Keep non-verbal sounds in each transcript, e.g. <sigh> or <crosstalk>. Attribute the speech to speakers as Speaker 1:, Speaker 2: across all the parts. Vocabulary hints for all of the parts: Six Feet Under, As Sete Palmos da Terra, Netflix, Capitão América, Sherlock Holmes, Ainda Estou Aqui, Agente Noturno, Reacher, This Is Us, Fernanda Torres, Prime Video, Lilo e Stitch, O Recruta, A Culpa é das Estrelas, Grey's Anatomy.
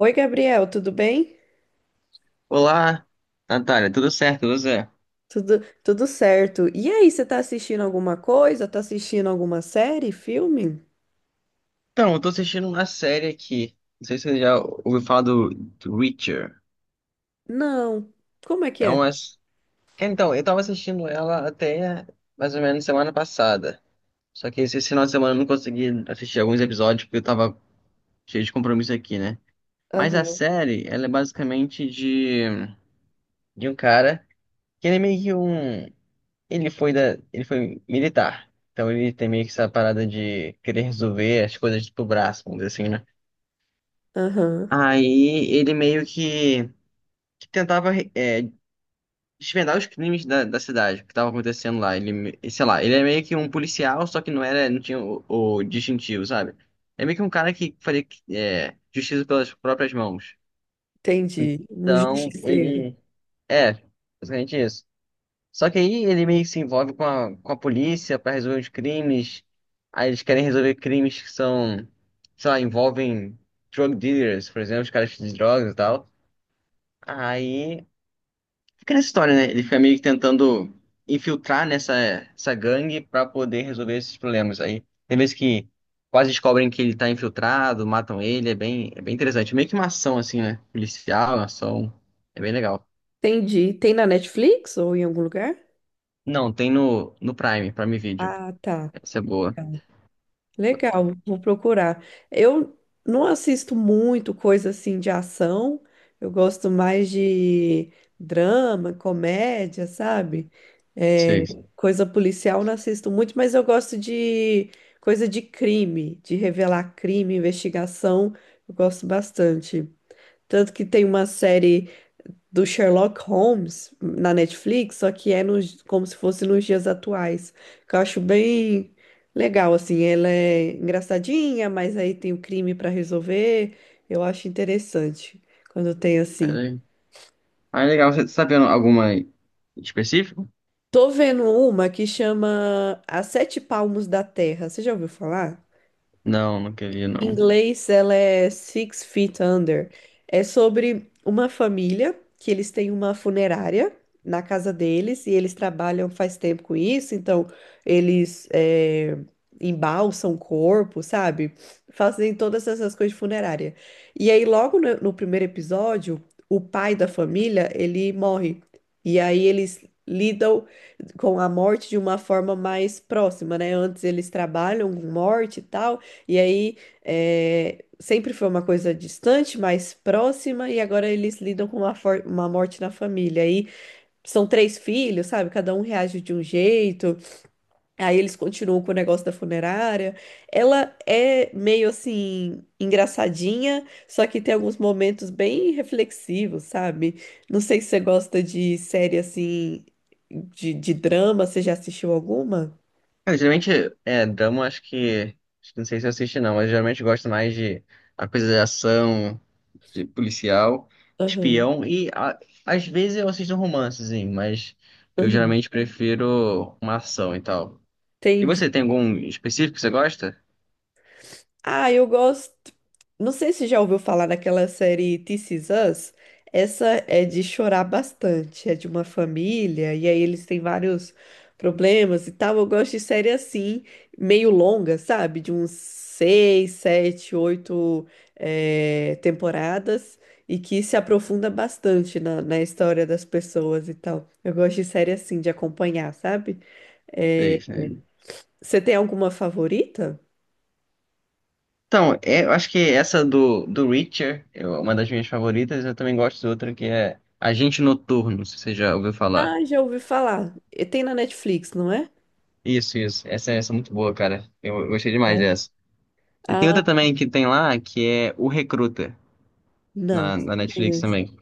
Speaker 1: Oi, Gabriel, tudo bem?
Speaker 2: Olá, Natália, tudo certo, tudo certo?
Speaker 1: Tudo, tudo certo. E aí, você tá assistindo alguma coisa? Tá assistindo alguma série, filme?
Speaker 2: Então, eu tô assistindo uma série aqui. Não sei se você já ouviu falar do Reacher.
Speaker 1: Não. Como é que
Speaker 2: É
Speaker 1: é?
Speaker 2: umas. Então, eu tava assistindo ela até mais ou menos semana passada. Só que esse final de semana eu não consegui assistir alguns episódios porque eu tava cheio de compromisso aqui, né? Mas a
Speaker 1: Aham,
Speaker 2: série, ela é basicamente de um cara que ele é meio que um. Ele foi da. Ele foi militar. Então ele tem meio que essa parada de querer resolver as coisas pro braço, vamos dizer assim, né?
Speaker 1: aham.
Speaker 2: Aí ele meio que tentava desvendar os crimes da cidade, o que estava acontecendo lá. Ele, sei lá, ele é meio que um policial, só que não era, não tinha o distintivo, sabe? É meio que um cara que fazia justiça pelas próprias mãos.
Speaker 1: Entendi. Um
Speaker 2: Então,
Speaker 1: justiceiro.
Speaker 2: ele. É, basicamente isso. Só que aí ele meio que se envolve com com a polícia para resolver os crimes. Aí eles querem resolver crimes que são, sei lá, envolvem drug dealers, por exemplo, os caras de drogas e tal. Aí. Fica nessa história, né? Ele fica meio que tentando infiltrar nessa essa gangue pra poder resolver esses problemas. Aí tem vezes que quase descobrem que ele tá infiltrado, matam ele, é bem interessante. Meio que uma ação, assim, né? Policial, uma ação. É bem legal.
Speaker 1: Entendi. Tem na Netflix ou em algum lugar?
Speaker 2: Não, tem no Prime, Prime Video.
Speaker 1: Ah, tá.
Speaker 2: Essa é boa.
Speaker 1: Legal, vou procurar. Eu não assisto muito coisa assim de ação, eu gosto mais de drama, comédia, sabe?
Speaker 2: Sei.
Speaker 1: É, coisa policial eu não assisto muito, mas eu gosto de coisa de crime, de revelar crime, investigação, eu gosto bastante. Tanto que tem uma série do Sherlock Holmes na Netflix, só que é como se fosse nos dias atuais. Que eu acho bem legal, assim. Ela é engraçadinha, mas aí tem o crime para resolver. Eu acho interessante quando tem assim.
Speaker 2: Ah, é legal. Você tá vendo alguma específica?
Speaker 1: Tô vendo uma que chama As Sete Palmos da Terra. Você já ouviu falar?
Speaker 2: Não, nunca vi,
Speaker 1: Em
Speaker 2: não.
Speaker 1: inglês, ela é Six Feet Under. É sobre uma família que eles têm uma funerária na casa deles e eles trabalham faz tempo com isso, então eles embalsam o corpo, sabe? Fazem todas essas coisas de funerária. E aí, logo no primeiro episódio, o pai da família, ele morre. E aí eles lidam com a morte de uma forma mais próxima, né? Antes eles trabalham com morte e tal, e aí é, sempre foi uma coisa distante, mais próxima, e agora eles lidam com uma, uma morte na família. Aí são três filhos, sabe? Cada um reage de um jeito, aí eles continuam com o negócio da funerária. Ela é meio assim, engraçadinha, só que tem alguns momentos bem reflexivos, sabe? Não sei se você gosta de série assim, de drama, você já assistiu alguma?
Speaker 2: Cara, geralmente, drama acho que não sei se eu assisto não, mas geralmente eu gosto mais de a coisa de ação, de policial,
Speaker 1: Aham,
Speaker 2: espião e às vezes eu assisto um romancezinho, mas eu
Speaker 1: aham.
Speaker 2: geralmente prefiro uma ação e tal. E você,
Speaker 1: Entendi.
Speaker 2: tem algum específico que você gosta?
Speaker 1: Ah, eu gosto. Não sei se já ouviu falar daquela série This Is Us. Essa é de chorar bastante. É de uma família, e aí eles têm vários problemas e tal. Eu gosto de série assim, meio longa, sabe? De uns seis, sete, oito temporadas, e que se aprofunda bastante na história das pessoas e tal. Eu gosto de série assim, de acompanhar, sabe?
Speaker 2: É
Speaker 1: Eh,
Speaker 2: isso, né?
Speaker 1: você tem alguma favorita?
Speaker 2: Então, é, eu acho que essa do Reacher é uma das minhas favoritas, eu também gosto de outra que é Agente Noturno, se você já ouviu falar.
Speaker 1: Ah, já ouvi falar. E tem na Netflix, não é?
Speaker 2: Isso, isso. Essa é muito boa, cara. Eu gostei demais
Speaker 1: Né?
Speaker 2: dessa. E tem
Speaker 1: Ah,
Speaker 2: outra também que tem lá, que é O Recruta,
Speaker 1: não.
Speaker 2: na Netflix
Speaker 1: Conheço.
Speaker 2: também.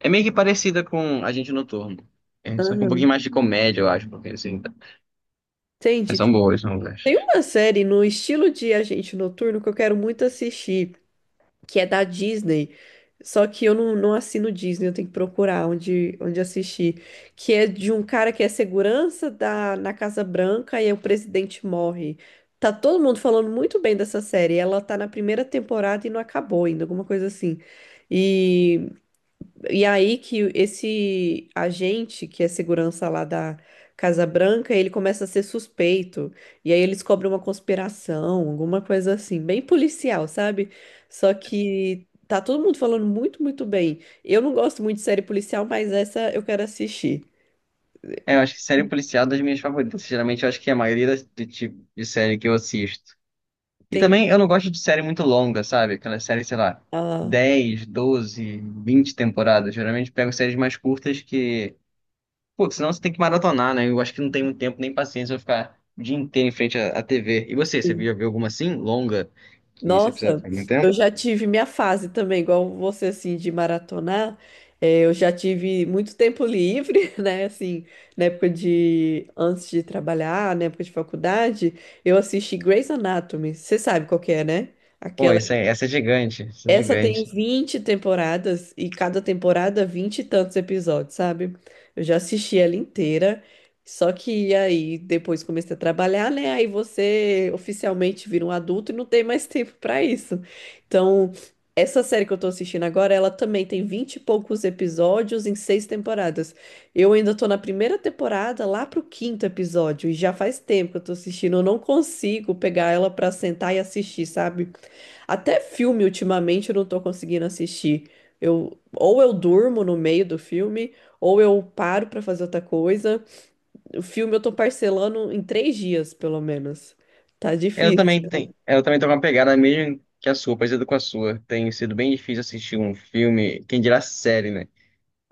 Speaker 2: É meio que parecida com Agente Noturno. É, só que um pouquinho
Speaker 1: Aham.
Speaker 2: mais de comédia, eu acho, porque assim, tá- mas
Speaker 1: Entendi.
Speaker 2: são boas, são boas.
Speaker 1: Tem uma série no estilo de Agente Noturno que eu quero muito assistir, que é da Disney. Só que eu não, não assino Disney, eu tenho que procurar onde assistir. Que é de um cara que é segurança na Casa Branca e aí o presidente morre. Tá todo mundo falando muito bem dessa série. Ela tá na primeira temporada e não acabou ainda, alguma coisa assim. E E aí que esse agente, que é segurança lá da Casa Branca, ele começa a ser suspeito. E aí eles cobrem uma conspiração, alguma coisa assim, bem policial, sabe? Só que tá todo mundo falando muito, muito bem. Eu não gosto muito de série policial, mas essa eu quero assistir.
Speaker 2: É, eu acho que série policial é das minhas favoritas. Geralmente eu acho que é a maioria do tipo de série que eu assisto. E
Speaker 1: Tem.
Speaker 2: também eu não gosto de série muito longa, sabe? Aquela série, sei lá,
Speaker 1: Ah,
Speaker 2: 10, 12, 20 temporadas. Geralmente eu pego séries mais curtas que Pô, senão você tem que maratonar, né? Eu acho que não tem muito tempo nem paciência pra ficar o dia inteiro em frente à TV. E você, você
Speaker 1: sim.
Speaker 2: já viu alguma assim, longa, que você precisa
Speaker 1: Nossa,
Speaker 2: ficar muito tempo?
Speaker 1: eu já tive minha fase também, igual você, assim, de maratonar. Eu já tive muito tempo livre, <laughs> né? Assim, na época de... Antes de trabalhar, na época de faculdade, eu assisti Grey's Anatomy. Você sabe qual que é, né?
Speaker 2: Pô,
Speaker 1: Aquela,
Speaker 2: isso é, essa é gigante, essa é
Speaker 1: essa tem
Speaker 2: gigante.
Speaker 1: 20 temporadas e cada temporada 20 e tantos episódios, sabe? Eu já assisti ela inteira, só que aí depois comecei a trabalhar, né? Aí você oficialmente vira um adulto e não tem mais <laughs> tempo pra isso. Então, essa série que eu tô assistindo agora, ela também tem 20 e poucos episódios em seis temporadas. Eu ainda tô na primeira temporada, lá pro quinto episódio, e já faz tempo que eu tô assistindo, eu não consigo pegar ela pra sentar e assistir, sabe? Até filme, ultimamente, eu não tô conseguindo assistir. Ou eu durmo no meio do filme, ou eu paro pra fazer outra coisa. O filme eu tô parcelando em três dias, pelo menos. Tá difícil.
Speaker 2: Eu também tô com uma pegada mesmo que a sua, parecida com a sua. Tem sido bem difícil assistir um filme, quem dirá série, né?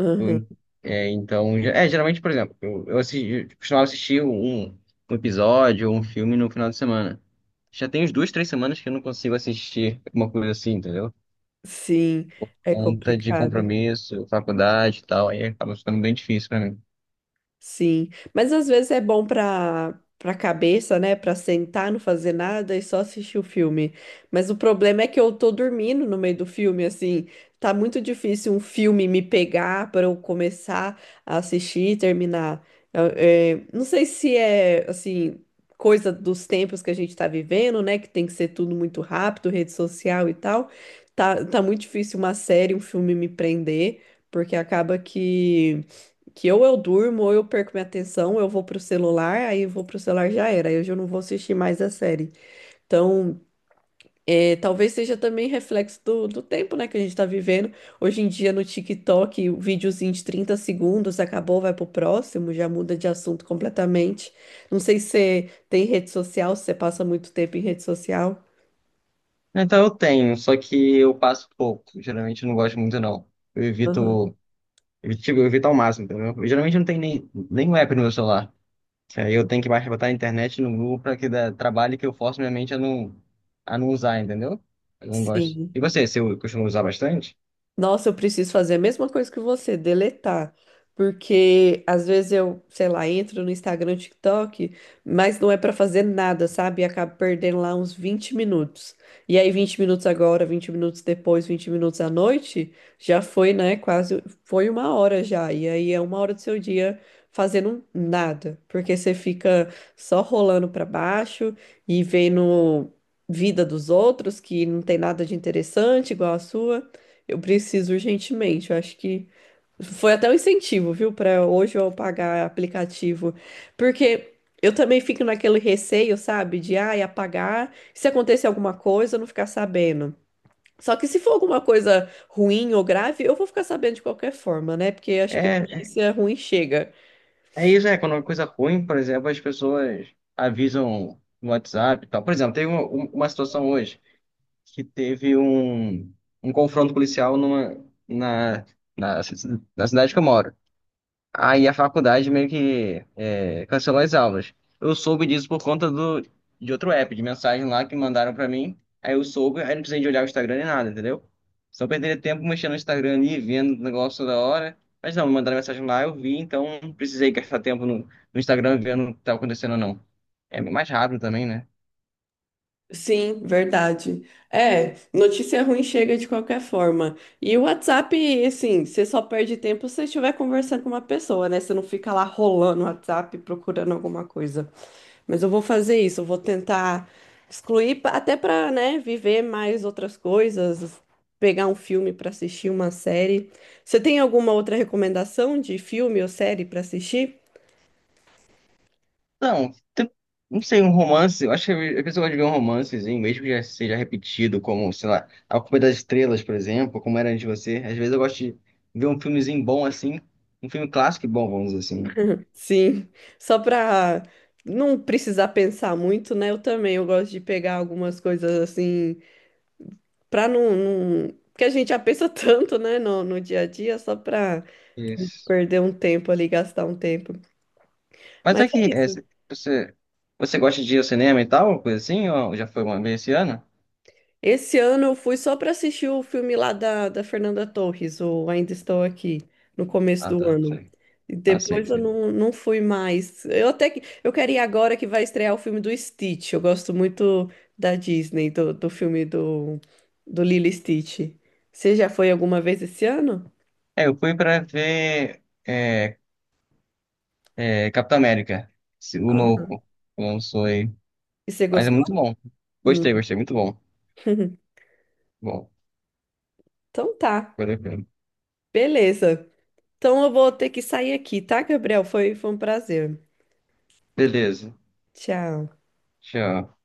Speaker 1: Aham.
Speaker 2: Eu- é, então, é, geralmente, por exemplo, assisti, eu costumava assistir um episódio ou um filme no final de semana. Já tem uns duas, três semanas que eu não consigo assistir uma coisa assim, entendeu?
Speaker 1: Sim, é
Speaker 2: Conta de
Speaker 1: complicado.
Speaker 2: compromisso, faculdade e tal, aí acaba ficando bem difícil pra mim.
Speaker 1: Sim, mas às vezes é bom para para cabeça, né? Para sentar, não fazer nada e só assistir o filme. Mas o problema é que eu tô dormindo no meio do filme, assim, tá muito difícil um filme me pegar para eu começar a assistir e terminar. Não sei se é assim coisa dos tempos que a gente tá vivendo, né? Que tem que ser tudo muito rápido, rede social e tal. Tá muito difícil uma série, um filme me prender, porque acaba que ou eu durmo, ou eu perco minha atenção, eu vou pro celular, aí eu vou pro celular já era, aí eu já não vou assistir mais a série. Então, é, talvez seja também reflexo do tempo, né, que a gente tá vivendo. Hoje em dia no TikTok, o videozinho de 30 segundos acabou, vai pro próximo, já muda de assunto completamente. Não sei se você tem rede social, se você passa muito tempo em rede social.
Speaker 2: Então eu tenho, só que eu passo pouco. Geralmente eu não gosto muito, não. Eu
Speaker 1: Aham.
Speaker 2: evito, eu, tipo, eu evito ao máximo, entendeu? Eu geralmente não tenho nem, nem um app no meu celular. Aí eu tenho que mais botar a internet no Google pra que dá trabalho que eu forço minha mente a não usar, entendeu? Eu não gosto.
Speaker 1: Sim.
Speaker 2: E você, você costuma usar bastante?
Speaker 1: Nossa, eu preciso fazer a mesma coisa que você, deletar. Porque às vezes eu, sei lá, entro no Instagram, TikTok, mas não é pra fazer nada, sabe? E acabo perdendo lá uns 20 minutos. E aí 20 minutos agora, 20 minutos depois, 20 minutos à noite, já foi, né? Quase, foi uma hora já. E aí é uma hora do seu dia fazendo nada, porque você fica só rolando pra baixo e vendo vida dos outros que não tem nada de interessante igual a sua. Eu preciso urgentemente. Eu acho que foi até um incentivo, viu, para hoje eu pagar aplicativo. Porque eu também fico naquele receio, sabe, de ai, apagar, se acontecer alguma coisa, eu não ficar sabendo. Só que se for alguma coisa ruim ou grave, eu vou ficar sabendo de qualquer forma, né? Porque acho que
Speaker 2: É,
Speaker 1: notícia ruim chega.
Speaker 2: é isso, é. Quando é uma coisa ruim, por exemplo, as pessoas avisam no WhatsApp e tal. Por exemplo, teve uma situação hoje. Que teve um confronto policial numa, na, na, ci- na cidade que eu moro. Aí a faculdade meio que cancelou as aulas. Eu soube disso por conta de outro app, de mensagem lá que mandaram pra mim. Aí eu soube, aí não precisei de olhar o Instagram nem nada, entendeu? Só perderia tempo mexendo no Instagram ali, vendo o negócio toda hora. Mas não, me mandaram mensagem lá, eu vi, então não precisei gastar tempo no Instagram vendo o que tá acontecendo ou não. É mais rápido também, né?
Speaker 1: Sim, verdade. É, notícia ruim chega de qualquer forma. E o WhatsApp, assim, você só perde tempo se você estiver conversando com uma pessoa, né? Você não fica lá rolando o WhatsApp procurando alguma coisa. Mas eu vou fazer isso, eu vou tentar excluir, até para, né, viver mais outras coisas, pegar um filme para assistir, uma série. Você tem alguma outra recomendação de filme ou série para assistir?
Speaker 2: Não, não sei, um romance. Eu acho que a pessoa gosta de ver um romancezinho, mesmo que já seja repetido, como, sei lá, A Culpa é das Estrelas, por exemplo, como era antes de você. Às vezes eu gosto de ver um filmezinho bom assim, um filme clássico e bom, vamos dizer assim. Né?
Speaker 1: Sim, só para não precisar pensar muito, né? Eu também, eu gosto de pegar algumas coisas assim, para não, não... Porque a gente já pensa <laughs> tanto, né, no dia a dia, só para
Speaker 2: Isso.
Speaker 1: perder um tempo ali, gastar um tempo.
Speaker 2: Mas
Speaker 1: Mas
Speaker 2: é
Speaker 1: é
Speaker 2: que é,
Speaker 1: isso.
Speaker 2: você, você gosta de ir ao cinema e tal, coisa assim, ou já foi uma vez esse ano?
Speaker 1: Esse ano eu fui só para assistir o filme lá da Fernanda Torres, ou Ainda Estou Aqui, no começo
Speaker 2: Ah,
Speaker 1: do
Speaker 2: tá,
Speaker 1: ano.
Speaker 2: sei.
Speaker 1: E
Speaker 2: Ah, sei,
Speaker 1: depois eu
Speaker 2: sei.
Speaker 1: não, não fui mais. Eu até que eu quero ir agora que vai estrear o filme do Stitch. Eu gosto muito da Disney, do filme do Lilo e Stitch. Você já foi alguma vez esse ano?
Speaker 2: É, eu fui pra ver Capitão América, o
Speaker 1: Ah,
Speaker 2: novo, que lançou aí.
Speaker 1: e você
Speaker 2: Mas é
Speaker 1: gostou?
Speaker 2: muito bom.
Speaker 1: Hum.
Speaker 2: Gostei, gostei, muito bom.
Speaker 1: <laughs>
Speaker 2: Bom.
Speaker 1: Então tá,
Speaker 2: Bacana.
Speaker 1: beleza. Então eu vou ter que sair aqui, tá, Gabriel? Foi um prazer.
Speaker 2: Beleza.
Speaker 1: Tchau.
Speaker 2: Tchau.